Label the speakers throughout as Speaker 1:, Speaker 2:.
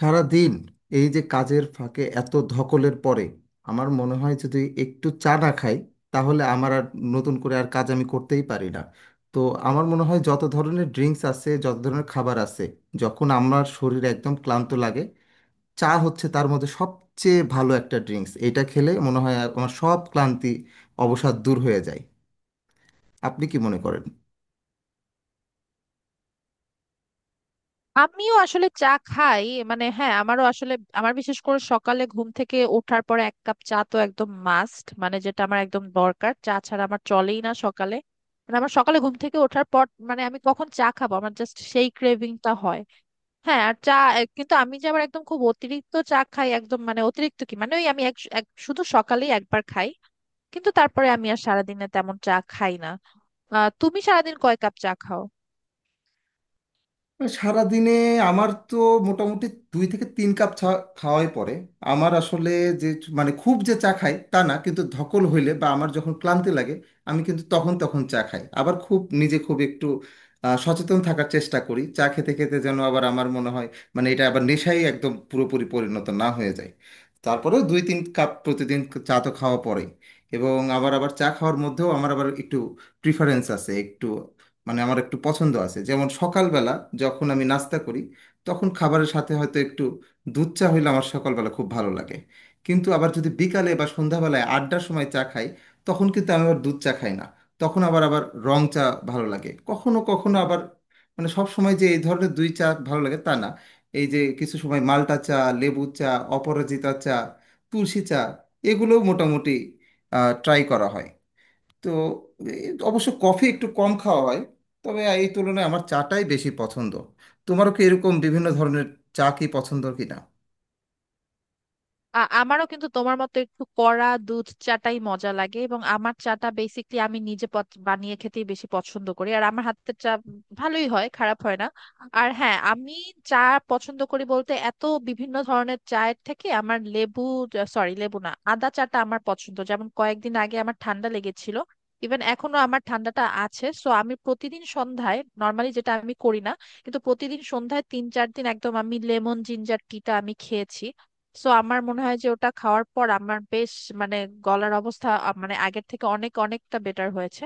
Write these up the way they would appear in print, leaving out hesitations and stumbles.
Speaker 1: সারাদিন এই যে কাজের ফাঁকে এত ধকলের পরে আমার মনে হয় যদি একটু চা না খাই, তাহলে আমার আর নতুন করে আর কাজ আমি করতেই পারি না। তো আমার মনে হয় যত ধরনের ড্রিঙ্কস আছে, যত ধরনের খাবার আছে, যখন আমার শরীর একদম ক্লান্ত লাগে, চা হচ্ছে তার মধ্যে সবচেয়ে ভালো একটা ড্রিঙ্কস। এটা খেলে মনে হয় আমার সব ক্লান্তি অবসাদ দূর হয়ে যায়। আপনি কি মনে করেন?
Speaker 2: আমিও আসলে চা খাই। মানে হ্যাঁ, আমারও আসলে আমার বিশেষ করে সকালে ঘুম থেকে ওঠার পরে এক কাপ চা তো একদম মাস্ট। মানে যেটা আমার একদম দরকার, চা ছাড়া আমার চলেই না সকালে। মানে আমার সকালে ঘুম থেকে ওঠার পর মানে আমি কখন চা খাবো, আমার জাস্ট সেই ক্রেভিংটা হয়। হ্যাঁ। আর চা, কিন্তু আমি যে আবার একদম খুব অতিরিক্ত চা খাই, একদম মানে অতিরিক্ত কি, মানে ওই আমি এক এক- শুধু সকালেই একবার খাই। কিন্তু তারপরে আমি আর সারাদিনে তেমন চা খাই না। তুমি সারাদিন কয় কাপ চা খাও?
Speaker 1: সারাদিনে আমার তো মোটামুটি দুই থেকে তিন কাপ চা খাওয়াই পড়ে। আমার আসলে যে মানে খুব যে চা খাই তা না, কিন্তু ধকল হইলে বা আমার যখন ক্লান্তি লাগে আমি কিন্তু তখন তখন চা খাই। আবার খুব নিজে খুব একটু সচেতন থাকার চেষ্টা করি চা খেতে খেতে, যেন আবার আমার মনে হয় মানে এটা আবার নেশায় একদম পুরোপুরি পরিণত না হয়ে যায়। তারপরেও দুই তিন কাপ প্রতিদিন চা তো খাওয়া পড়ে। এবং আবার আবার চা খাওয়ার মধ্যেও আমার আবার একটু প্রিফারেন্স আছে, একটু মানে আমার একটু পছন্দ আছে। যেমন সকালবেলা যখন আমি নাস্তা করি, তখন খাবারের সাথে হয়তো একটু দুধ চা হইলে আমার সকালবেলা খুব ভালো লাগে। কিন্তু আবার যদি বিকালে বা সন্ধ্যাবেলায় আড্ডার সময় চা খাই, তখন কিন্তু আমি আবার দুধ চা খাই না। তখন আবার আবার রং চা ভালো লাগে। কখনো কখনো আবার মানে সব সময় যে এই ধরনের দুই চা ভালো লাগে তা না। এই যে কিছু সময় মাল্টা চা, লেবু চা, অপরাজিতা চা, তুলসী চা, এগুলো মোটামুটি ট্রাই করা হয়। তো এই অবশ্য কফি একটু কম খাওয়া হয়, তবে এই তুলনায় আমার চাটাই বেশি পছন্দ। তোমারও কি এরকম বিভিন্ন ধরনের চা কি পছন্দ কিনা?
Speaker 2: আমারও কিন্তু তোমার মতো একটু কড়া দুধ চাটাই মজা লাগে। এবং আমার চাটা বেসিকলি আমি নিজে বানিয়ে খেতেই বেশি পছন্দ করি। আর আমার হাতের চা ভালোই হয়, খারাপ হয় না। আর হ্যাঁ, আমি চা পছন্দ করি বলতে, এত বিভিন্ন ধরনের চায়ের থেকে আমার লেবু, সরি লেবু না, আদা চাটা আমার পছন্দ। যেমন কয়েকদিন আগে আমার ঠান্ডা লেগেছিল, ইভেন এখনো আমার ঠান্ডাটা আছে। সো আমি প্রতিদিন সন্ধ্যায়, নর্মালি যেটা আমি করি না, কিন্তু প্রতিদিন সন্ধ্যায় 3-4 দিন একদম আমি লেমন জিঞ্জার টিটা আমি খেয়েছি। সো আমার মনে হয় যে ওটা খাওয়ার পর আমার বেশ মানে গলার অবস্থা মানে আগের থেকে অনেক অনেকটা বেটার হয়েছে।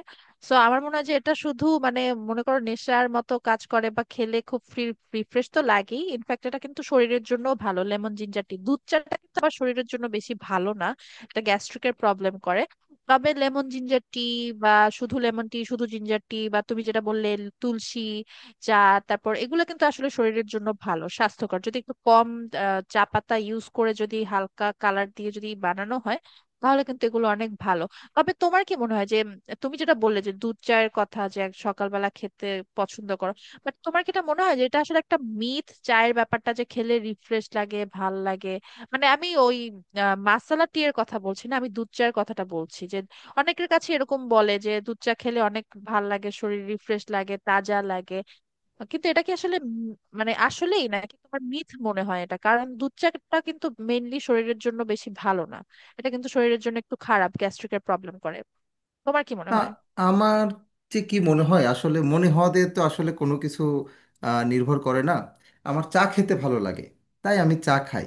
Speaker 2: সো আমার মনে হয় যে এটা শুধু মানে মনে করো নেশার মতো কাজ করে, বা খেলে খুব ফ্রি রিফ্রেশ তো লাগেই। ইনফ্যাক্ট এটা কিন্তু শরীরের জন্য ভালো, লেমন জিঞ্জার টি। দুধ চাটা কিন্তু আবার শরীরের জন্য বেশি ভালো না, এটা গ্যাস্ট্রিকের প্রবলেম করে। তবে লেমন জিঞ্জার টি বা শুধু লেমন টি, শুধু জিঞ্জার টি, বা তুমি যেটা বললে তুলসী চা, তারপর এগুলো কিন্তু আসলে শরীরের জন্য ভালো, স্বাস্থ্যকর যদি একটু কম চা পাতা ইউজ করে, যদি হালকা কালার দিয়ে যদি বানানো হয়, তাহলে কিন্তু এগুলো অনেক ভালো। তবে তোমার কি মনে হয় যে তুমি যেটা বললে যে দুধ চায়ের কথা, যে এক সকালবেলা খেতে পছন্দ করো, বাট তোমার কি এটা মনে হয় যে এটা আসলে একটা মিথ চায়ের ব্যাপারটা, যে খেলে রিফ্রেশ লাগে, ভাল লাগে? মানে আমি ওই মাসালা টি এর কথা বলছি না, আমি দুধ চায়ের কথাটা বলছি। যে অনেকের কাছে এরকম বলে যে দুধ চা খেলে অনেক ভাল লাগে, শরীর রিফ্রেশ লাগে, তাজা লাগে। কিন্তু এটা কি আসলে মানে আসলেই, নাকি তোমার মিথ মনে হয় এটা? কারণ দুধ চাটা কিন্তু মেইনলি শরীরের জন্য বেশি ভালো না, এটা কিন্তু শরীরের জন্য একটু খারাপ, গ্যাস্ট্রিকের প্রবলেম করে। তোমার কি মনে
Speaker 1: না,
Speaker 2: হয়?
Speaker 1: আমার যে কি মনে হয় আসলে মনে হওয়া দিয়ে তো আসলে কোনো কিছু নির্ভর করে না। আমার চা খেতে ভালো লাগে, তাই আমি চা খাই।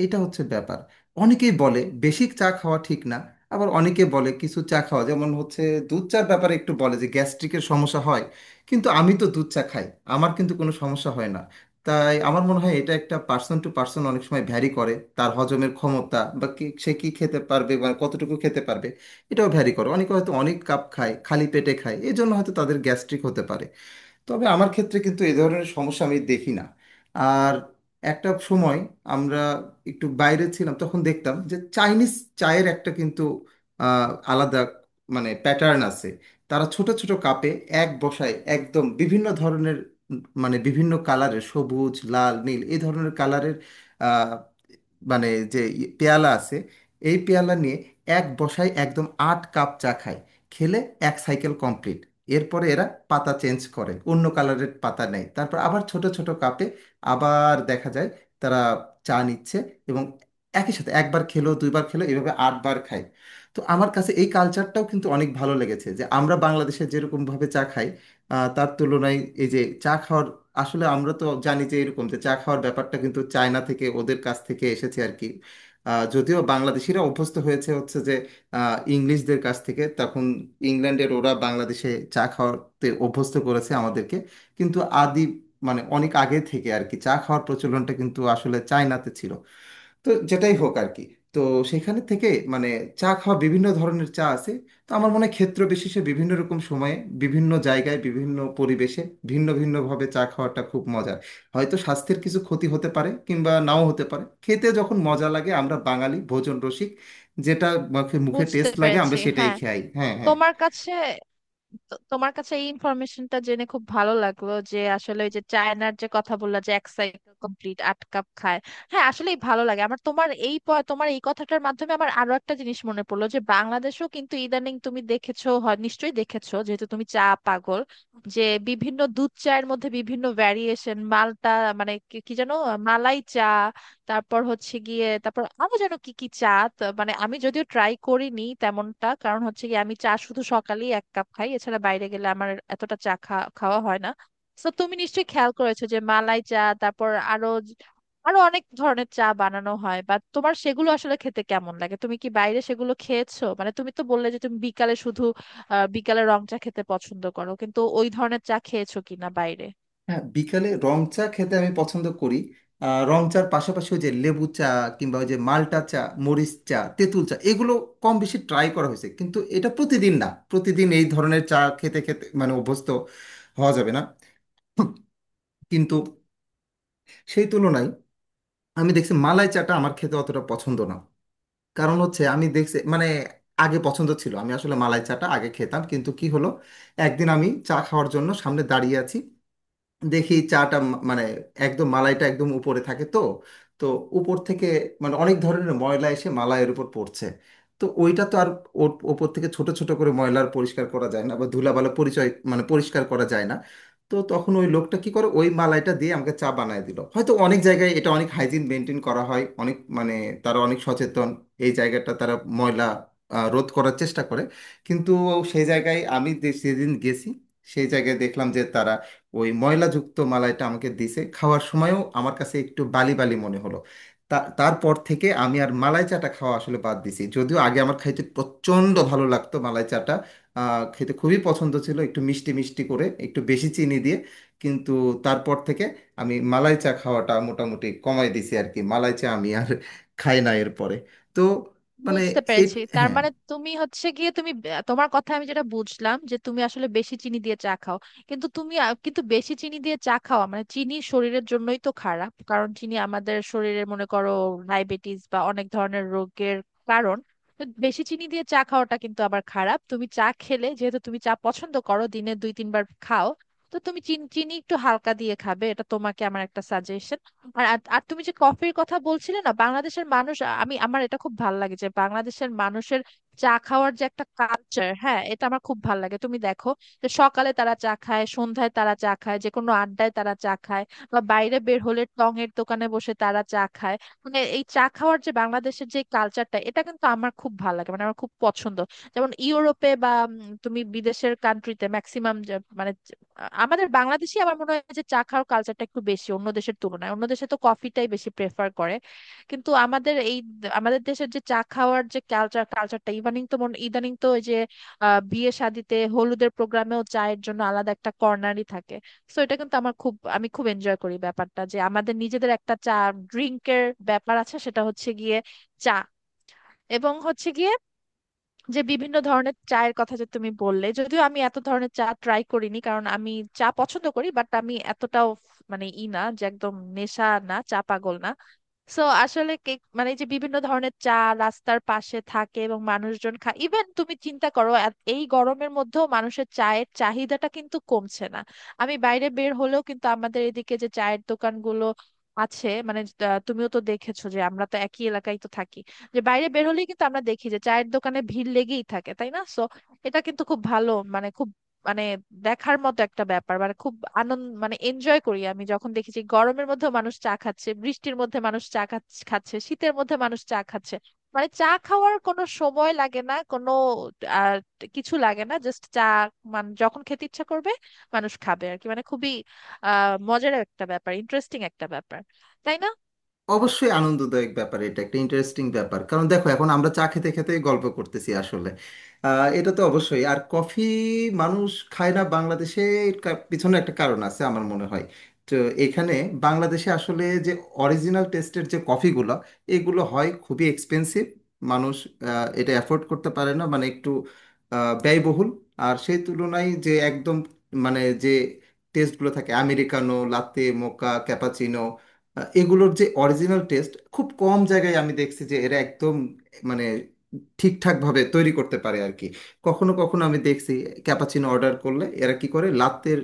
Speaker 1: এইটা হচ্ছে ব্যাপার। অনেকেই বলে বেশি চা খাওয়া ঠিক না, আবার অনেকে বলে কিছু চা খাওয়া যেমন হচ্ছে দুধ চার ব্যাপারে একটু বলে যে গ্যাস্ট্রিকের সমস্যা হয়। কিন্তু আমি তো দুধ চা খাই, আমার কিন্তু কোনো সমস্যা হয় না। তাই আমার মনে হয় এটা একটা পার্সন টু পার্সন অনেক সময় ভ্যারি করে, তার হজমের ক্ষমতা বা সে কি খেতে পারবে বা কতটুকু খেতে পারবে এটাও ভ্যারি করে। অনেকে হয়তো অনেক কাপ খায়, খালি পেটে খায়, এই জন্য হয়তো তাদের গ্যাস্ট্রিক হতে পারে। তবে আমার ক্ষেত্রে কিন্তু এ ধরনের সমস্যা আমি দেখি না। আর একটা সময় আমরা একটু বাইরে ছিলাম, তখন দেখতাম যে চাইনিজ চায়ের একটা কিন্তু আলাদা মানে প্যাটার্ন আছে। তারা ছোট ছোট কাপে এক বসায় একদম বিভিন্ন ধরনের মানে বিভিন্ন কালারের, সবুজ লাল নীল এই ধরনের কালারের মানে যে পেয়ালা আছে, এই পেয়ালা নিয়ে এক বসায় একদম আট কাপ চা খায়। খেলে এক সাইকেল কমপ্লিট। এরপরে এরা পাতা চেঞ্জ করে, অন্য কালারের পাতা নেয়, তারপর আবার ছোট ছোট কাপে আবার দেখা যায় তারা চা নিচ্ছে। এবং একই সাথে একবার খেলো, দুইবার খেলো, এভাবে আটবার খায়। তো আমার কাছে এই কালচারটাও কিন্তু অনেক ভালো লেগেছে, যে আমরা বাংলাদেশে যেরকম ভাবে চা খাই তার তুলনায় এই যে চা খাওয়ার, আসলে আমরা তো জানি যে এরকম যে চা খাওয়ার ব্যাপারটা কিন্তু চায়না থেকে ওদের কাছ থেকে এসেছে আর কি। যদিও বাংলাদেশিরা অভ্যস্ত হয়েছে হচ্ছে যে ইংলিশদের কাছ থেকে, তখন ইংল্যান্ডের ওরা বাংলাদেশে চা খাওয়াতে অভ্যস্ত করেছে আমাদেরকে। কিন্তু আদি মানে অনেক আগে থেকে আর কি চা খাওয়ার প্রচলনটা কিন্তু আসলে চায়নাতে ছিল। তো যেটাই হোক আর কি, তো সেখানে থেকে মানে চা খাওয়া বিভিন্ন ধরনের চা আছে। তো আমার মনে হয় ক্ষেত্র বিশেষে বিভিন্ন রকম সময়ে, বিভিন্ন জায়গায়, বিভিন্ন পরিবেশে ভিন্ন ভিন্নভাবে চা খাওয়াটা খুব মজার। হয়তো স্বাস্থ্যের কিছু ক্ষতি হতে পারে কিংবা নাও হতে পারে, খেতে যখন মজা লাগে আমরা বাঙালি ভোজন রসিক, যেটা মুখে মুখে
Speaker 2: বুঝতে
Speaker 1: টেস্ট লাগে আমরা
Speaker 2: পেরেছি,
Speaker 1: সেটাই
Speaker 2: হ্যাঁ।
Speaker 1: খাই। হ্যাঁ, হ্যাঁ।
Speaker 2: তোমার কাছে, তো তোমার কাছে এই ইনফরমেশনটা জেনে খুব ভালো লাগলো যে আসলে ওই যে চায়নার যে কথা বললা, যে এক সাইকেল কমপ্লিট 8 কাপ খায়। হ্যাঁ আসলেই ভালো লাগে আমার। তোমার এই কথাটার মাধ্যমে আমার আরো একটা জিনিস মনে পড়লো যে বাংলাদেশও কিন্তু ইদানিং তুমি দেখেছো হয়, নিশ্চয়ই দেখেছো যেহেতু তুমি চা পাগল, যে বিভিন্ন দুধ চায়ের মধ্যে বিভিন্ন ভ্যারিয়েশন, মালটা মানে কি কি যেন, মালাই চা, তারপর হচ্ছে গিয়ে তারপর আরো যেন কি কি চা। মানে আমি যদিও ট্রাই করিনি তেমনটা, কারণ হচ্ছে গিয়ে আমি চা শুধু সকালেই এক কাপ খাই, এছাড়া বাইরে গেলে আমার এতটা চা খাওয়া হয় না। তো তুমি নিশ্চয়ই খেয়াল করেছো যে মালাই চা, তারপর আরো আরো অনেক ধরনের চা বানানো হয়, বা তোমার সেগুলো আসলে খেতে কেমন লাগে? তুমি কি বাইরে সেগুলো খেয়েছো? মানে তুমি তো বললে যে তুমি বিকালে শুধু বিকালে রং চা খেতে পছন্দ করো, কিন্তু ওই ধরনের চা খেয়েছো কিনা বাইরে?
Speaker 1: হ্যাঁ, বিকালে রং চা খেতে আমি পছন্দ করি। রং চার পাশাপাশি ওই যে লেবু চা কিংবা ওই যে মাল্টা চা, মরিচ চা, তেঁতুল চা, এগুলো কম বেশি ট্রাই করা হয়েছে। কিন্তু এটা প্রতিদিন না, প্রতিদিন এই ধরনের চা খেতে খেতে মানে অভ্যস্ত হওয়া যাবে না। কিন্তু সেই তুলনায় আমি দেখছি মালাই চাটা আমার খেতে অতটা পছন্দ না। কারণ হচ্ছে আমি দেখছি মানে আগে পছন্দ ছিল, আমি আসলে মালাই চাটা আগে খেতাম, কিন্তু কি হলো, একদিন আমি চা খাওয়ার জন্য সামনে দাঁড়িয়ে আছি, দেখি চাটা মানে একদম মালাইটা একদম উপরে থাকে তো। তো উপর থেকে মানে অনেক ধরনের ময়লা এসে মালাইয়ের উপর পড়ছে। তো ওইটা তো আর ওর ওপর থেকে ছোট ছোট করে ময়লার পরিষ্কার করা যায় না বা ধুলাবালা পরিচয় মানে পরিষ্কার করা যায় না। তো তখন ওই লোকটা কি করে ওই মালাইটা দিয়ে আমাকে চা বানায় দিল। হয়তো অনেক জায়গায় এটা অনেক হাইজিন মেনটেন করা হয়, অনেক মানে তারা অনেক সচেতন, এই জায়গাটা তারা ময়লা রোধ করার চেষ্টা করে। কিন্তু সেই জায়গায় আমি সেদিন গেছি, সেই জায়গায় দেখলাম যে তারা ওই ময়লাযুক্ত মালাইটা আমাকে দিছে। খাওয়ার সময়ও আমার কাছে একটু বালি বালি মনে হলো। তা তারপর থেকে আমি আর মালাই চাটা খাওয়া আসলে বাদ দিছি, যদিও আগে আমার খাইতে প্রচণ্ড ভালো লাগতো মালাই চাটা। খেতে খুবই পছন্দ ছিল, একটু মিষ্টি মিষ্টি করে একটু বেশি চিনি দিয়ে। কিন্তু তারপর থেকে আমি মালাই চা খাওয়াটা মোটামুটি কমাই দিছি আর কি। মালাই চা আমি আর খাই না এরপরে। তো মানে
Speaker 2: বুঝতে
Speaker 1: এই।
Speaker 2: পেরেছি। তার
Speaker 1: হ্যাঁ,
Speaker 2: মানে তুমি হচ্ছে গিয়ে, তুমি তোমার কথা আমি যেটা বুঝলাম যে তুমি আসলে বেশি চিনি দিয়ে চা খাও। কিন্তু তুমি কিন্তু বেশি চিনি দিয়ে চা খাওয়া মানে, চিনি শরীরের জন্যই তো খারাপ, কারণ চিনি আমাদের শরীরের মনে করো ডায়াবেটিস বা অনেক ধরনের রোগের কারণ। তো বেশি চিনি দিয়ে চা খাওয়াটা কিন্তু আবার খারাপ। তুমি চা খেলে, যেহেতু তুমি চা পছন্দ করো, দিনে 2-3 বার খাও, তো তুমি চিনি একটু হালকা দিয়ে খাবে, এটা তোমাকে আমার একটা সাজেশন। আর আর আর তুমি যে কফির কথা বলছিলে না, বাংলাদেশের মানুষ, আমি আমার এটা খুব ভাল লাগে যে বাংলাদেশের মানুষের চা খাওয়ার যে একটা কালচার, হ্যাঁ এটা আমার খুব ভাল লাগে। তুমি দেখো যে সকালে তারা চা খায়, সন্ধ্যায় তারা চা খায়, যে কোনো আড্ডায় তারা চা খায়, বা বাইরে বের হলে টং এর দোকানে বসে তারা চা খায়। মানে এই চা খাওয়ার যে বাংলাদেশের যে কালচারটা, এটা কিন্তু আমার খুব ভাল লাগে, মানে আমার খুব পছন্দ। যেমন ইউরোপে বা তুমি বিদেশের কান্ট্রিতে ম্যাক্সিমাম মানে আমাদের বাংলাদেশে আমার মনে হয় যে চা খাওয়ার কালচারটা একটু বেশি অন্য দেশের তুলনায়, অন্য দেশে তো কফিটাই বেশি প্রেফার করে। কিন্তু আমাদের এই, আমাদের দেশের যে চা খাওয়ার যে কালচারটা ইদানিং তো ইদানিং তো ওই যে বিয়ে শাদিতে হলুদের প্রোগ্রামেও চায়ের জন্য আলাদা একটা কর্নারই থাকে। তো এটা কিন্তু আমার খুব, আমি খুব এনজয় করি ব্যাপারটা, যে আমাদের নিজেদের একটা চা ড্রিঙ্কের ব্যাপার আছে, সেটা হচ্ছে গিয়ে চা, এবং হচ্ছে গিয়ে যে বিভিন্ন ধরনের চায়ের কথা যে তুমি বললে, যদিও আমি এত ধরনের চা ট্রাই করিনি কারণ আমি চা পছন্দ করি বাট আমি এতটাও মানে ই না যে একদম, নেশা না, চা পাগল না। সো আসলে কেক মানে এই যে বিভিন্ন ধরনের চা রাস্তার পাশে থাকে এবং মানুষজন খায়, ইভেন তুমি চিন্তা করো এই গরমের মধ্যেও মানুষের চায়ের চাহিদাটা কিন্তু কমছে না। আমি বাইরে বের হলেও কিন্তু আমাদের এদিকে যে চায়ের দোকানগুলো আছে, মানে তুমিও তো দেখেছো যে আমরা তো একই এলাকায় তো থাকি, যে বাইরে বের হলেই কিন্তু আমরা দেখি যে চায়ের দোকানে ভিড় লেগেই থাকে, তাই না? সো এটা কিন্তু খুব ভালো, মানে খুব মানে দেখার মতো একটা ব্যাপার, মানে খুব আনন্দ, মানে এনজয় করি আমি যখন দেখেছি গরমের মধ্যে মানুষ চা খাচ্ছে, বৃষ্টির মধ্যে মানুষ চা খাচ্ছে, শীতের মধ্যে মানুষ চা খাচ্ছে। মানে চা খাওয়ার কোনো সময় লাগে না, কোনো আর কিছু লাগে না, জাস্ট চা। মানে যখন খেতে ইচ্ছা করবে মানুষ খাবে আর কি, মানে খুবই মজার একটা ব্যাপার, ইন্টারেস্টিং একটা ব্যাপার, তাই না?
Speaker 1: অবশ্যই আনন্দদায়ক ব্যাপার। এটা একটা ইন্টারেস্টিং ব্যাপার, কারণ দেখো এখন আমরা চা খেতে খেতে গল্প করতেছি আসলে। এটা তো অবশ্যই। আর কফি মানুষ খায় না বাংলাদেশে। এর পিছনে একটা কারণ আছে আমার মনে হয়। তো এখানে বাংলাদেশে আসলে যে অরিজিনাল টেস্টের যে কফিগুলো, এগুলো হয় খুবই এক্সপেন্সিভ। মানুষ এটা অ্যাফোর্ড করতে পারে না, মানে একটু ব্যয়বহুল। আর সেই তুলনায় যে একদম মানে যে টেস্টগুলো থাকে আমেরিকানো, লাতে, মোকা, ক্যাপাচিনো, এগুলোর যে অরিজিনাল টেস্ট খুব কম জায়গায় আমি দেখছি যে এরা একদম মানে ঠিকঠাকভাবে তৈরি করতে পারে আর কি। কখনো কখনো আমি দেখছি ক্যাপাচিনো অর্ডার করলে এরা কি করে লাত্তের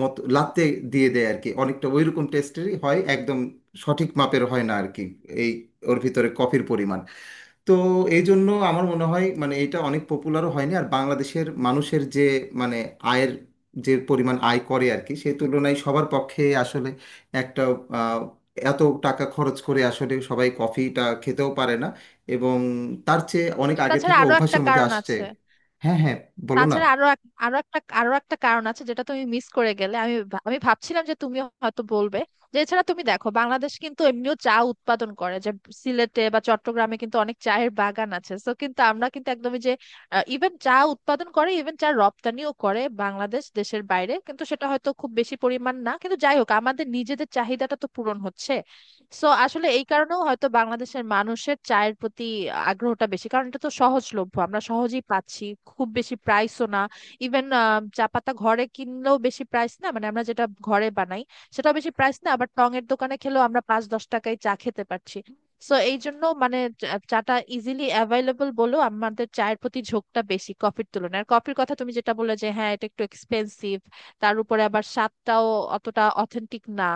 Speaker 1: মতো লাত্তে দিয়ে দেয় আর কি, অনেকটা ওইরকম টেস্টেরই হয়, একদম সঠিক মাপের হয় না আর কি, এই ওর ভিতরে কফির পরিমাণ। তো এই জন্য আমার মনে হয় মানে এটা অনেক পপুলারও হয়নি। আর বাংলাদেশের মানুষের যে মানে আয়ের যে পরিমাণ আয় করে আর কি, সেই তুলনায় সবার পক্ষে আসলে একটা আহ, এত টাকা খরচ করে আসলে সবাই কফিটা খেতেও পারে
Speaker 2: হুম।
Speaker 1: না। এবং তার চেয়ে অনেক আগে
Speaker 2: তাছাড়া
Speaker 1: থেকে
Speaker 2: আরো একটা
Speaker 1: অভ্যাসের মধ্যে
Speaker 2: কারণ
Speaker 1: আসছে।
Speaker 2: আছে।
Speaker 1: হ্যাঁ, হ্যাঁ, বলো না।
Speaker 2: তাছাড়া আরো আরো একটা কারণ আছে যেটা তুমি মিস করে গেলে। আমি ভাবছিলাম যে তুমি হয়তো বলবে যে এছাড়া তুমি দেখো বাংলাদেশ কিন্তু এমনিও চা উৎপাদন করে, যে সিলেটে বা চট্টগ্রামে কিন্তু অনেক চায়ের বাগান আছে। তো কিন্তু আমরা কিন্তু একদমই যে ইভেন চা উৎপাদন করে, ইভেন চা রপ্তানিও করে বাংলাদেশ দেশের বাইরে, কিন্তু সেটা হয়তো খুব বেশি পরিমাণ না। কিন্তু যাই হোক আমাদের নিজেদের চাহিদাটা তো পূরণ হচ্ছে। সো আসলে এই কারণেও হয়তো বাংলাদেশের মানুষের চায়ের প্রতি আগ্রহটা বেশি, কারণ এটা তো সহজলভ্য, আমরা সহজেই পাচ্ছি, খুব বেশি প্রাইসও না। ইভেন চা পাতা ঘরে কিনলেও বেশি প্রাইস না, মানে আমরা যেটা ঘরে বানাই সেটাও বেশি প্রাইস না, আবার টং এর দোকানে খেলেও আমরা 5-10 টাকায় চা খেতে পারছি। সো এই জন্য মানে চাটা ইজিলি অ্যাভেলেবল বলেও আমাদের চায়ের প্রতি ঝোঁকটা বেশি কফির তুলনায়। আর কফির কথা তুমি যেটা বললে, যে হ্যাঁ এটা একটু এক্সপেন্সিভ, তার উপরে আবার স্বাদটাও অতটা অথেন্টিক না।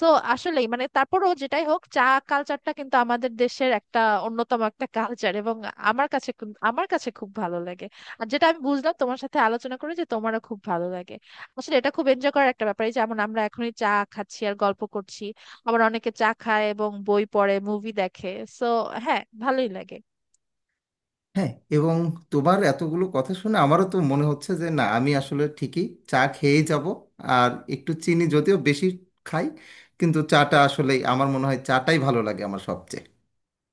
Speaker 2: সো আসলেই মানে তারপরও যেটাই হোক, চা কালচারটা কিন্তু আমাদের দেশের একটা অন্যতম একটা কালচার, এবং আমার কাছে খুব ভালো লাগে। আর যেটা আমি বুঝলাম তোমার সাথে আলোচনা করে যে তোমারও খুব ভালো লাগে। আসলে এটা খুব এনজয় করার একটা ব্যাপার, এই যেমন আমরা এখনই চা খাচ্ছি আর গল্প করছি। আবার অনেকে চা খায় এবং বই পড়ে, মুভি দেখে। সো হ্যাঁ ভালোই লাগে।
Speaker 1: হ্যাঁ। এবং তোমার এতগুলো কথা শুনে আমারও তো মনে হচ্ছে যে না আমি আসলে ঠিকই চা খেয়েই যাব। আর একটু চিনি যদিও বেশি খাই, কিন্তু চাটা আসলে আমার মনে হয় চাটাই ভালো লাগে আমার সবচেয়ে।